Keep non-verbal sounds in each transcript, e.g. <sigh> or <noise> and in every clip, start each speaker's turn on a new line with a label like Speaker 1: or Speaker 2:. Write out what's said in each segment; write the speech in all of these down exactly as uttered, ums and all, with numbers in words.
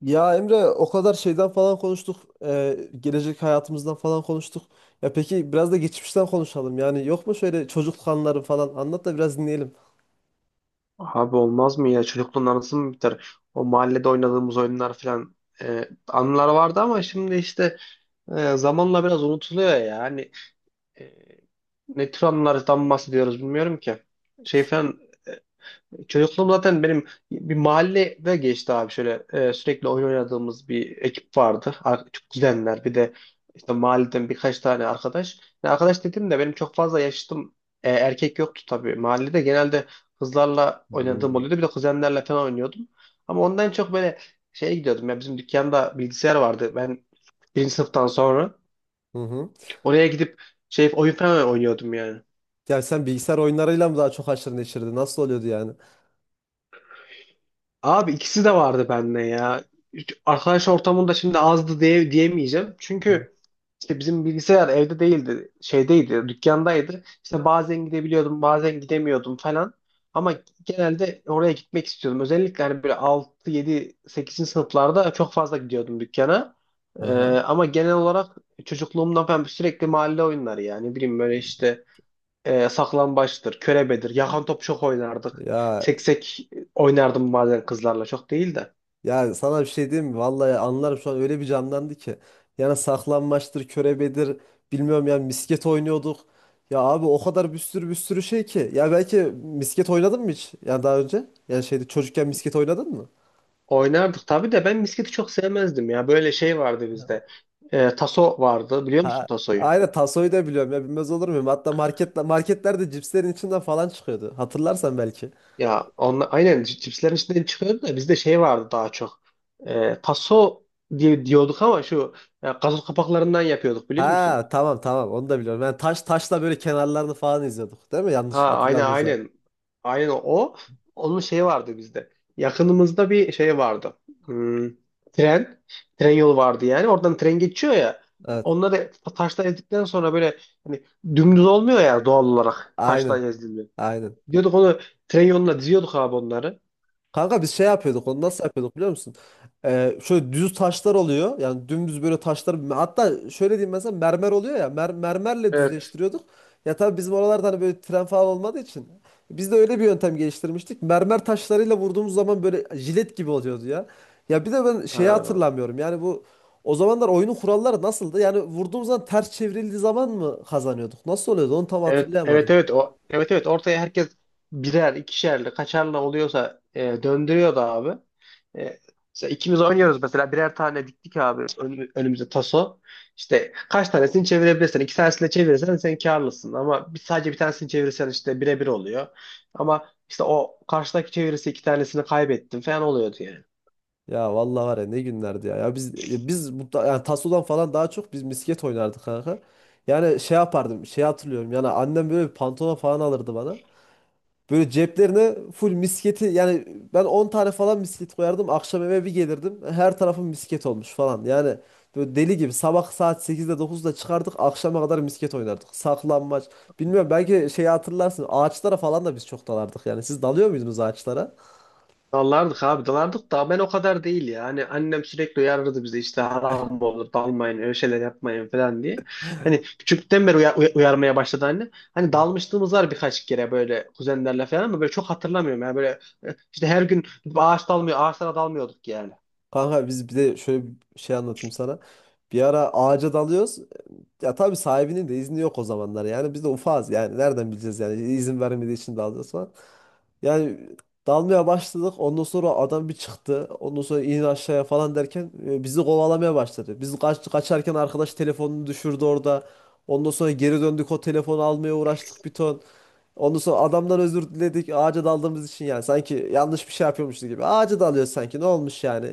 Speaker 1: Ya Emre o kadar şeyden falan konuştuk. Eee, gelecek hayatımızdan falan konuştuk. Ya peki biraz da geçmişten konuşalım. Yani yok mu şöyle çocukluk anıları falan anlat da biraz dinleyelim.
Speaker 2: Abi olmaz mı ya? Çocukluğun anısı mı biter? O mahallede oynadığımız oyunlar falan e, anılar vardı ama şimdi işte e, zamanla biraz unutuluyor ya. Hani e, ne tür anılardan bahsediyoruz bilmiyorum ki. Şey falan. Çocukluğum zaten benim bir mahallede geçti abi şöyle e, sürekli oyun oynadığımız bir ekip vardı. Ar- Çok kuzenler bir de işte mahalleden birkaç tane arkadaş. Yani arkadaş dedim de benim çok fazla yaşıtım e, erkek yoktu tabii. Mahallede genelde kızlarla oynadığım
Speaker 1: Hmm.
Speaker 2: oluyordu, bir de kuzenlerle falan oynuyordum. Ama ondan çok böyle şeye gidiyordum ya, bizim dükkanda bilgisayar vardı ben birinci sınıftan sonra.
Speaker 1: Hı hı.
Speaker 2: Oraya gidip şey oyun falan oynuyordum yani.
Speaker 1: Ya sen bilgisayar oyunlarıyla mı daha çok haşır neşirdin? Nasıl oluyordu yani?
Speaker 2: Abi ikisi de vardı bende ya. Hiç arkadaş ortamında şimdi azdı diye, diyemeyeceğim.
Speaker 1: Hmm.
Speaker 2: Çünkü işte bizim bilgisayar evde değildi, şeydeydi, dükkandaydı. İşte bazen gidebiliyordum, bazen gidemiyordum falan. Ama genelde oraya gitmek istiyordum. Özellikle hani böyle altı yedi sekizinci sınıflarda çok fazla gidiyordum dükkana. Ee,
Speaker 1: Aha.
Speaker 2: ama genel olarak çocukluğumdan ben sürekli mahalle oyunları yani. Ne bileyim böyle işte e, saklambaçtır, körebedir, yakan top çok oynardık.
Speaker 1: Ya
Speaker 2: Seksek oynardım bazen kızlarla, çok değil de.
Speaker 1: Ya sana bir şey diyeyim mi? Vallahi anlarım, şu an öyle bir canlandı ki. Yani saklanmaçtır, körebedir, bilmiyorum yani misket oynuyorduk. Ya abi o kadar bir sürü bir sürü şey ki. Ya belki misket oynadın mı hiç? Yani daha önce? Yani şeyde çocukken misket oynadın mı?
Speaker 2: Oynardık tabii de ben misketi çok sevmezdim ya. Böyle şey vardı bizde. E, taso vardı, biliyor musun
Speaker 1: Ha,
Speaker 2: tasoyu?
Speaker 1: aynen tasoyu da biliyorum ya, bilmez olur muyum? Hatta marketle, marketlerde cipslerin içinden falan çıkıyordu. Hatırlarsan belki.
Speaker 2: Ya onla, aynen c- cipslerin içinden çıkıyordu da bizde şey vardı daha çok. E, taso diye diyorduk ama şu e, gazoz kapaklarından yapıyorduk, biliyor musun?
Speaker 1: Ha, tamam tamam, onu da biliyorum. Yani taş taşla böyle kenarlarını falan izliyorduk değil mi?
Speaker 2: Ha,
Speaker 1: Yanlış
Speaker 2: aynen
Speaker 1: hatırlamıyorsam.
Speaker 2: aynen. Aynen o. Onun şeyi vardı bizde. Yakınımızda bir şey vardı. Hmm, tren. Tren yolu vardı yani. Oradan tren geçiyor ya.
Speaker 1: Evet,
Speaker 2: Onları taşla ezdikten sonra böyle hani dümdüz olmuyor ya, doğal olarak taşla
Speaker 1: aynen
Speaker 2: ezilmiyor,
Speaker 1: aynen.
Speaker 2: diyorduk onu. Tren yoluna diziyorduk abi onları.
Speaker 1: Kanka biz şey yapıyorduk, onu nasıl yapıyorduk biliyor musun? Ee, şöyle düz taşlar oluyor. Yani dümdüz böyle taşlar. Hatta şöyle diyeyim, mesela mermer oluyor ya. Mer mermerle
Speaker 2: Evet.
Speaker 1: düzleştiriyorduk. Ya tabii bizim oralarda hani böyle tren falan olmadığı için. Biz de öyle bir yöntem geliştirmiştik. Mermer taşlarıyla vurduğumuz zaman böyle jilet gibi oluyordu ya. Ya bir de ben şeyi
Speaker 2: Ha.
Speaker 1: hatırlamıyorum. Yani bu o zamanlar oyunun kuralları nasıldı? Yani vurduğumuz zaman ters çevrildiği zaman mı kazanıyorduk? Nasıl oluyordu? Onu tam
Speaker 2: Evet evet
Speaker 1: hatırlayamadım.
Speaker 2: evet, o evet evet, ortaya herkes birer, ikişerli, kaçarlı oluyorsa e, döndürüyordu abi. E, mesela ikimiz oynuyoruz, mesela birer tane diktik abi ön- önümüze taso. İşte kaç tanesini çevirebilirsen, iki tanesini de çevirirsen sen karlısın, ama bir, sadece bir tanesini çevirirsen işte birebir oluyor. Ama işte o karşıdaki çevirirse iki tanesini kaybettin falan oluyordu yani.
Speaker 1: Ya vallahi var ya, ne günlerdi ya. Ya biz biz mutla- yani tasodan falan daha çok biz misket oynardık kanka. Yani şey yapardım. Şey hatırlıyorum. Yani annem böyle bir pantolon falan alırdı bana. Böyle ceplerine full misketi, yani ben on tane falan misket koyardım. Akşam eve bir gelirdim. Her tarafım misket olmuş falan. Yani böyle deli gibi sabah saat sekizde dokuzda çıkardık. Akşama kadar misket oynardık. Saklanmaç. Bilmiyorum belki şeyi hatırlarsın. Ağaçlara falan da biz çok dalardık. Yani siz dalıyor muydunuz ağaçlara?
Speaker 2: Dalardık abi, dalardık da ben o kadar değil ya. Hani annem sürekli uyarırdı bizi, işte haram olur dalmayın, öyle şeyler yapmayın falan diye. Hani küçüklükten beri uya- uya- uyarmaya başladı anne. Hani dalmışlığımız var birkaç kere böyle kuzenlerle falan, ama böyle çok hatırlamıyorum. Yani böyle e, işte her gün ağaç dalmıyor, ağaçlara dalmıyorduk yani.
Speaker 1: Kanka biz bir de şöyle bir şey anlatayım sana. Bir ara ağaca dalıyoruz. Ya tabii sahibinin de izni yok o zamanlar. Yani biz de ufağız yani. Nereden bileceğiz yani? İzin vermediği için dalıyoruz falan. Yani dalmaya başladık. Ondan sonra adam bir çıktı. Ondan sonra in aşağıya falan derken e, bizi kovalamaya başladı. Biz kaç, kaçarken arkadaş telefonunu düşürdü orada. Ondan sonra geri döndük, o telefonu almaya uğraştık bir ton. Ondan sonra adamdan özür diledik ağaca daldığımız için yani. Sanki yanlış bir şey yapıyormuşuz gibi. Ağaca dalıyoruz, sanki ne olmuş yani.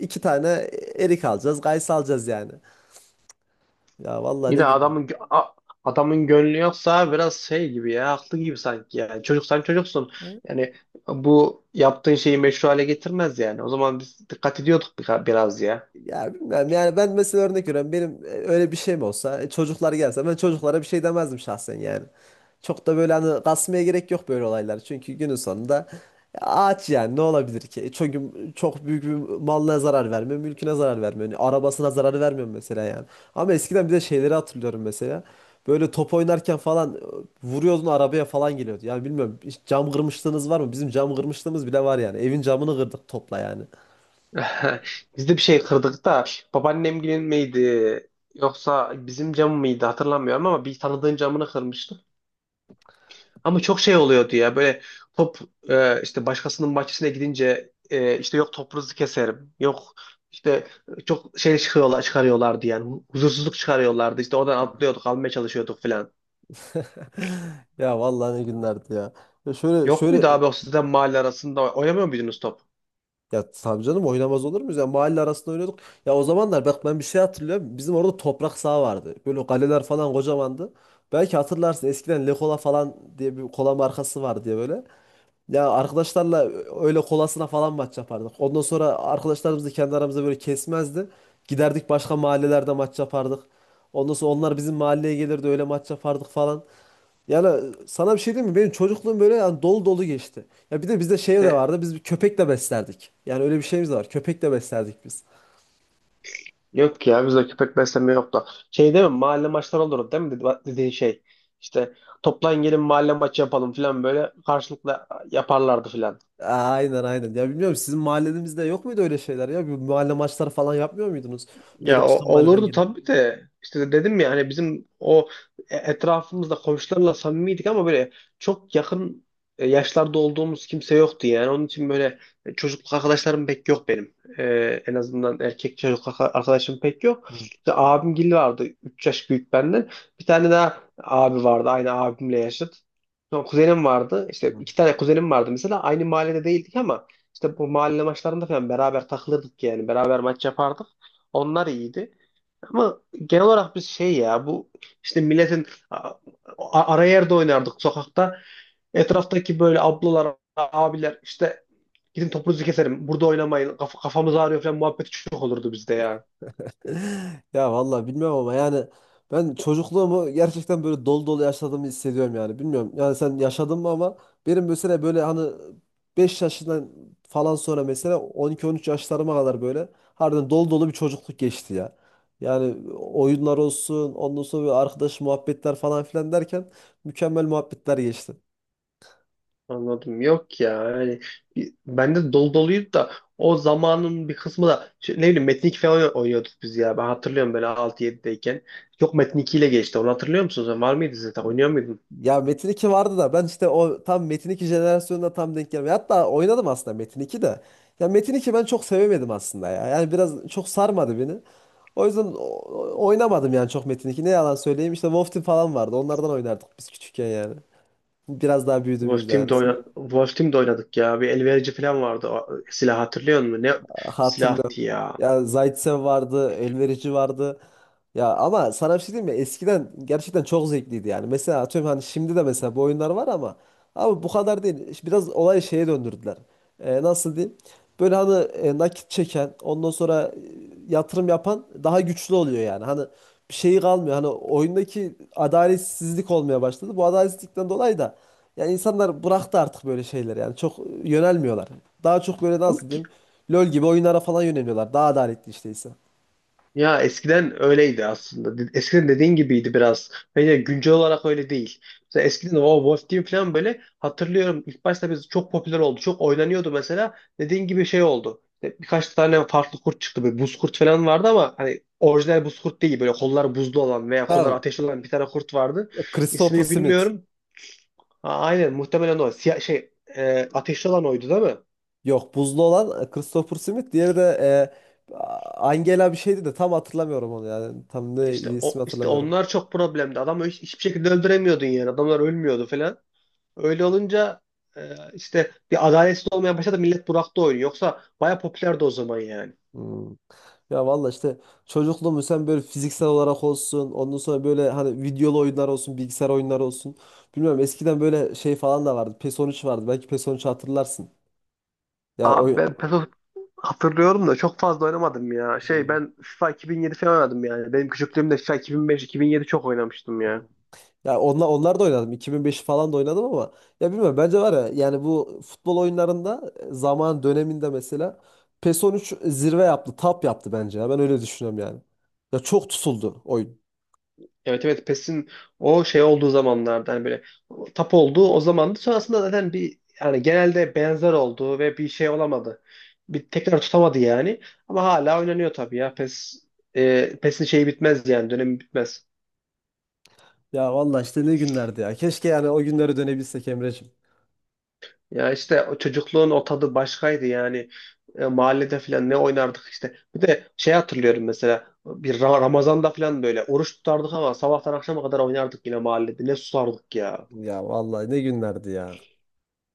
Speaker 1: İki tane erik alacağız, gayısı alacağız yani. Ya vallahi, ne
Speaker 2: Yine
Speaker 1: günler.
Speaker 2: adamın gö- a- adamın gönlü yoksa biraz şey gibi ya, haklı gibi sanki yani. Çocuk, sen çocuksun. Yani bu yaptığın şeyi meşru hale getirmez yani. O zaman biz dikkat ediyorduk birka- biraz ya.
Speaker 1: Ya bilmem yani, ben mesela örnek veriyorum, benim e, öyle bir şey mi olsa, e, çocuklar gelse ben çocuklara bir şey demezdim şahsen yani. Çok da böyle hani kasmaya gerek yok böyle olaylar, çünkü günün sonunda e, ağaç, yani ne olabilir ki? E, Çünkü çok büyük bir malına zarar vermiyor, mülküne zarar vermiyor, yani arabasına zarar vermiyor mesela yani. Ama eskiden bir de şeyleri hatırlıyorum mesela. Böyle top oynarken falan e, vuruyordun arabaya falan geliyordu. Yani bilmiyorum, hiç cam kırmışlığınız var mı? Bizim cam kırmışlığımız bile var yani. Evin camını kırdık topla yani.
Speaker 2: <laughs> Biz de bir şey kırdık da, babaannemgilin miydi yoksa bizim cam mıydı hatırlamıyorum, ama bir tanıdığın camını kırmıştık. Ama çok şey oluyordu ya, böyle top e, işte başkasının bahçesine gidince e, işte yok topunuzu keserim, yok işte, çok şey çıkıyorlar, çıkarıyorlardı yani, huzursuzluk çıkarıyorlardı işte, oradan atlıyorduk almaya çalışıyorduk falan.
Speaker 1: <laughs> Ya vallahi, ne günlerdi ya. Ya şöyle
Speaker 2: Yok muydu
Speaker 1: şöyle
Speaker 2: abi o sizden, mahalle arasında oynamıyor muydunuz top?
Speaker 1: ya tabii canım, oynamaz olur muyuz? Ya mahalle arasında oynuyorduk. Ya o zamanlar bak, ben bir şey hatırlıyorum. Bizim orada toprak saha vardı. Böyle kaleler falan kocamandı. Belki hatırlarsın, eskiden Lekola falan diye bir kola markası vardı diye böyle. Ya arkadaşlarla öyle kolasına falan maç yapardık. Ondan sonra arkadaşlarımız da kendi aramızda böyle kesmezdi. Giderdik başka mahallelerde maç yapardık. Ondan sonra onlar bizim mahalleye gelirdi, öyle maç yapardık falan. Yani sana bir şey diyeyim mi? Benim çocukluğum böyle yani dolu dolu geçti. Ya bir de bizde şey de
Speaker 2: E,
Speaker 1: vardı. Biz bir köpek de beslerdik. Yani öyle bir şeyimiz de var. Köpek de beslerdik biz.
Speaker 2: Yok ya, bizde köpek besleme yoktu. Şey değil mi? Mahalle maçları olurdu değil mi? Dedi- Dediği şey. İşte toplan gelin mahalle maçı yapalım falan, böyle karşılıklı yaparlardı falan.
Speaker 1: Aynen aynen. Ya bilmiyorum, sizin mahallenizde yok muydu öyle şeyler ya? Bir mahalle maçları falan yapmıyor muydunuz? Böyle
Speaker 2: Ya o-
Speaker 1: başka mahalleden
Speaker 2: olurdu
Speaker 1: gelip.
Speaker 2: tabii de, işte dedim ya, hani bizim o e- etrafımızda komşularla samimiydik ama böyle çok yakın e, yaşlarda olduğumuz kimse yoktu yani. Onun için böyle çocukluk arkadaşlarım pek yok benim. Ee, en azından erkek çocukluk arka- arkadaşım pek yok.
Speaker 1: Hı,
Speaker 2: İşte abimgil vardı, üç yaş büyük benden. Bir tane daha abi vardı, aynı abimle yaşıt. Sonra kuzenim vardı. İşte
Speaker 1: hı.
Speaker 2: iki tane kuzenim vardı mesela. Aynı mahallede değildik ama işte bu mahalle maçlarında falan beraber takılırdık yani. Beraber maç yapardık. Onlar iyiydi. Ama genel olarak biz şey ya, bu işte milletin a- a- ara yerde oynardık sokakta. Etraftaki böyle ablalar, abiler işte gidin topunuzu keserim, burada oynamayın. Kaf kafamız ağrıyor falan muhabbeti çok olurdu bizde ya.
Speaker 1: Ya vallahi bilmiyorum ama yani ben çocukluğumu gerçekten böyle dolu dolu yaşadığımı hissediyorum yani. Bilmiyorum yani sen yaşadın mı ama benim mesela böyle hani beş yaşından falan sonra mesela on iki on üç yaşlarıma kadar böyle harbiden dolu dolu bir çocukluk geçti ya. Yani oyunlar olsun, ondan sonra bir arkadaş muhabbetler falan filan derken mükemmel muhabbetler geçti.
Speaker 2: Anladım. Yok ya. Yani bir- bende dolu doluydu da o zamanın bir kısmı da şey, ne bileyim Metin iki falan oynuyorduk biz ya. Ben hatırlıyorum böyle altı yedideyken. Yok, Metin iki ile geçti. Onu hatırlıyor musunuz? Var mıydı zaten? Oynuyor muydunuz?
Speaker 1: Ya Metin iki vardı da ben işte o tam Metin iki jenerasyonuna tam denk gelmiyor. Hatta oynadım aslında Metin iki de. Ya Metin iki ben çok sevemedim aslında ya. Yani biraz çok sarmadı beni. O yüzden o- o- oynamadım yani çok Metin iki. Ne yalan söyleyeyim, işte Wolf Team falan vardı. Onlardan oynardık biz küçükken yani. Biraz daha
Speaker 2: Wolf
Speaker 1: büyüdüğümüzde yani.
Speaker 2: Team'de, oyna Wolf Team'de oynadık ya. Bir elverici falan vardı. O silah, hatırlıyor musun? Ne
Speaker 1: Hatırlıyorum.
Speaker 2: silahtı ya.
Speaker 1: Ya Zaitsev vardı, Elverici vardı. Ya ama sana bir şey diyeyim mi? Eskiden gerçekten çok zevkliydi yani. Mesela atıyorum, hani şimdi de mesela bu oyunlar var ama abi bu kadar değil. İşte biraz olayı şeye döndürdüler. Ee, nasıl diyeyim? Böyle hani e, nakit çeken, ondan sonra e, yatırım yapan daha güçlü oluyor yani. Hani bir şeyi kalmıyor. Hani oyundaki adaletsizlik olmaya başladı. Bu adaletsizlikten dolayı da yani insanlar bıraktı artık böyle şeyler yani. Çok e, yönelmiyorlar. Daha çok böyle nasıl
Speaker 2: Yok ki.
Speaker 1: diyeyim? LoL gibi oyunlara falan yöneliyorlar. Daha adaletli işteyse.
Speaker 2: Ya eskiden öyleydi aslında. De- Eskiden dediğin gibiydi biraz. Bence güncel olarak öyle değil. Mesela eskiden o Wolf Team falan böyle hatırlıyorum. İlk başta biz çok popüler oldu. Çok oynanıyordu mesela. Dediğin gibi şey oldu. İşte birkaç tane farklı kurt çıktı. Böyle buz kurt falan vardı ama hani orijinal buz kurt değil. Böyle kollar buzlu olan veya kollar
Speaker 1: Tamam.
Speaker 2: ateşli olan bir tane kurt vardı.
Speaker 1: Christopher
Speaker 2: İsmini
Speaker 1: Smith.
Speaker 2: bilmiyorum. A- Aynen, muhtemelen o. Siyah, şey e, ateşli olan oydu değil mi?
Speaker 1: Yok, buzlu olan e, Christopher Smith. Diğeri de e, Angela bir şeydi de tam hatırlamıyorum onu yani. Tam ne
Speaker 2: İşte
Speaker 1: ismi
Speaker 2: o, işte
Speaker 1: hatırlamıyorum.
Speaker 2: onlar çok problemdi. Adamı hiç- hiçbir şekilde öldüremiyordun yani. Adamlar ölmüyordu falan. Öyle olunca e, işte bir adaletsiz olmaya başladı. Millet bıraktı oyunu. Yoksa baya popülerdi o zaman yani.
Speaker 1: Hmm. Ya valla işte çocukluğumu sen böyle fiziksel olarak olsun, ondan sonra böyle hani videolu oyunlar olsun, bilgisayar oyunları olsun. Bilmiyorum, eskiden böyle şey falan da vardı, PES on üç vardı, belki PES on üç hatırlarsın. Ya oy...
Speaker 2: Abi ben PES hatırlıyorum da çok fazla oynamadım ya. Şey,
Speaker 1: Hmm.
Speaker 2: ben FIFA iki bin yedi falan oynadım yani. Benim küçüklüğümde FIFA iki bin beş-iki bin yedi çok oynamıştım ya.
Speaker 1: Ya onlar, onlar da oynadım, iki bin beşi falan da oynadım ama ya bilmiyorum, bence var ya yani bu futbol oyunlarında e, zaman döneminde mesela PES on üç zirve yaptı, tap yaptı bence ya, ben öyle düşünüyorum yani. Ya çok tutuldu oyun.
Speaker 2: Evet evet, PES'in o şey olduğu zamanlarda hani böyle tap olduğu o zamandı. Sonrasında zaten bir, yani genelde benzer oldu ve bir şey olamadı. Bir tekrar tutamadı yani. Ama hala oynanıyor tabii ya. PES e, PES'in şeyi bitmez yani, dönemi bitmez.
Speaker 1: Ya valla işte ne günlerdi ya, keşke yani o günlere dönebilsek Emreciğim.
Speaker 2: Ya işte o çocukluğun o tadı başkaydı yani. E, mahallede falan ne oynardık işte. Bir de şey hatırlıyorum, mesela bir Ra- Ramazan'da falan böyle oruç tutardık ama sabahtan akşama kadar oynardık yine mahallede. Ne susardık ya.
Speaker 1: Ya vallahi ne günlerdi ya.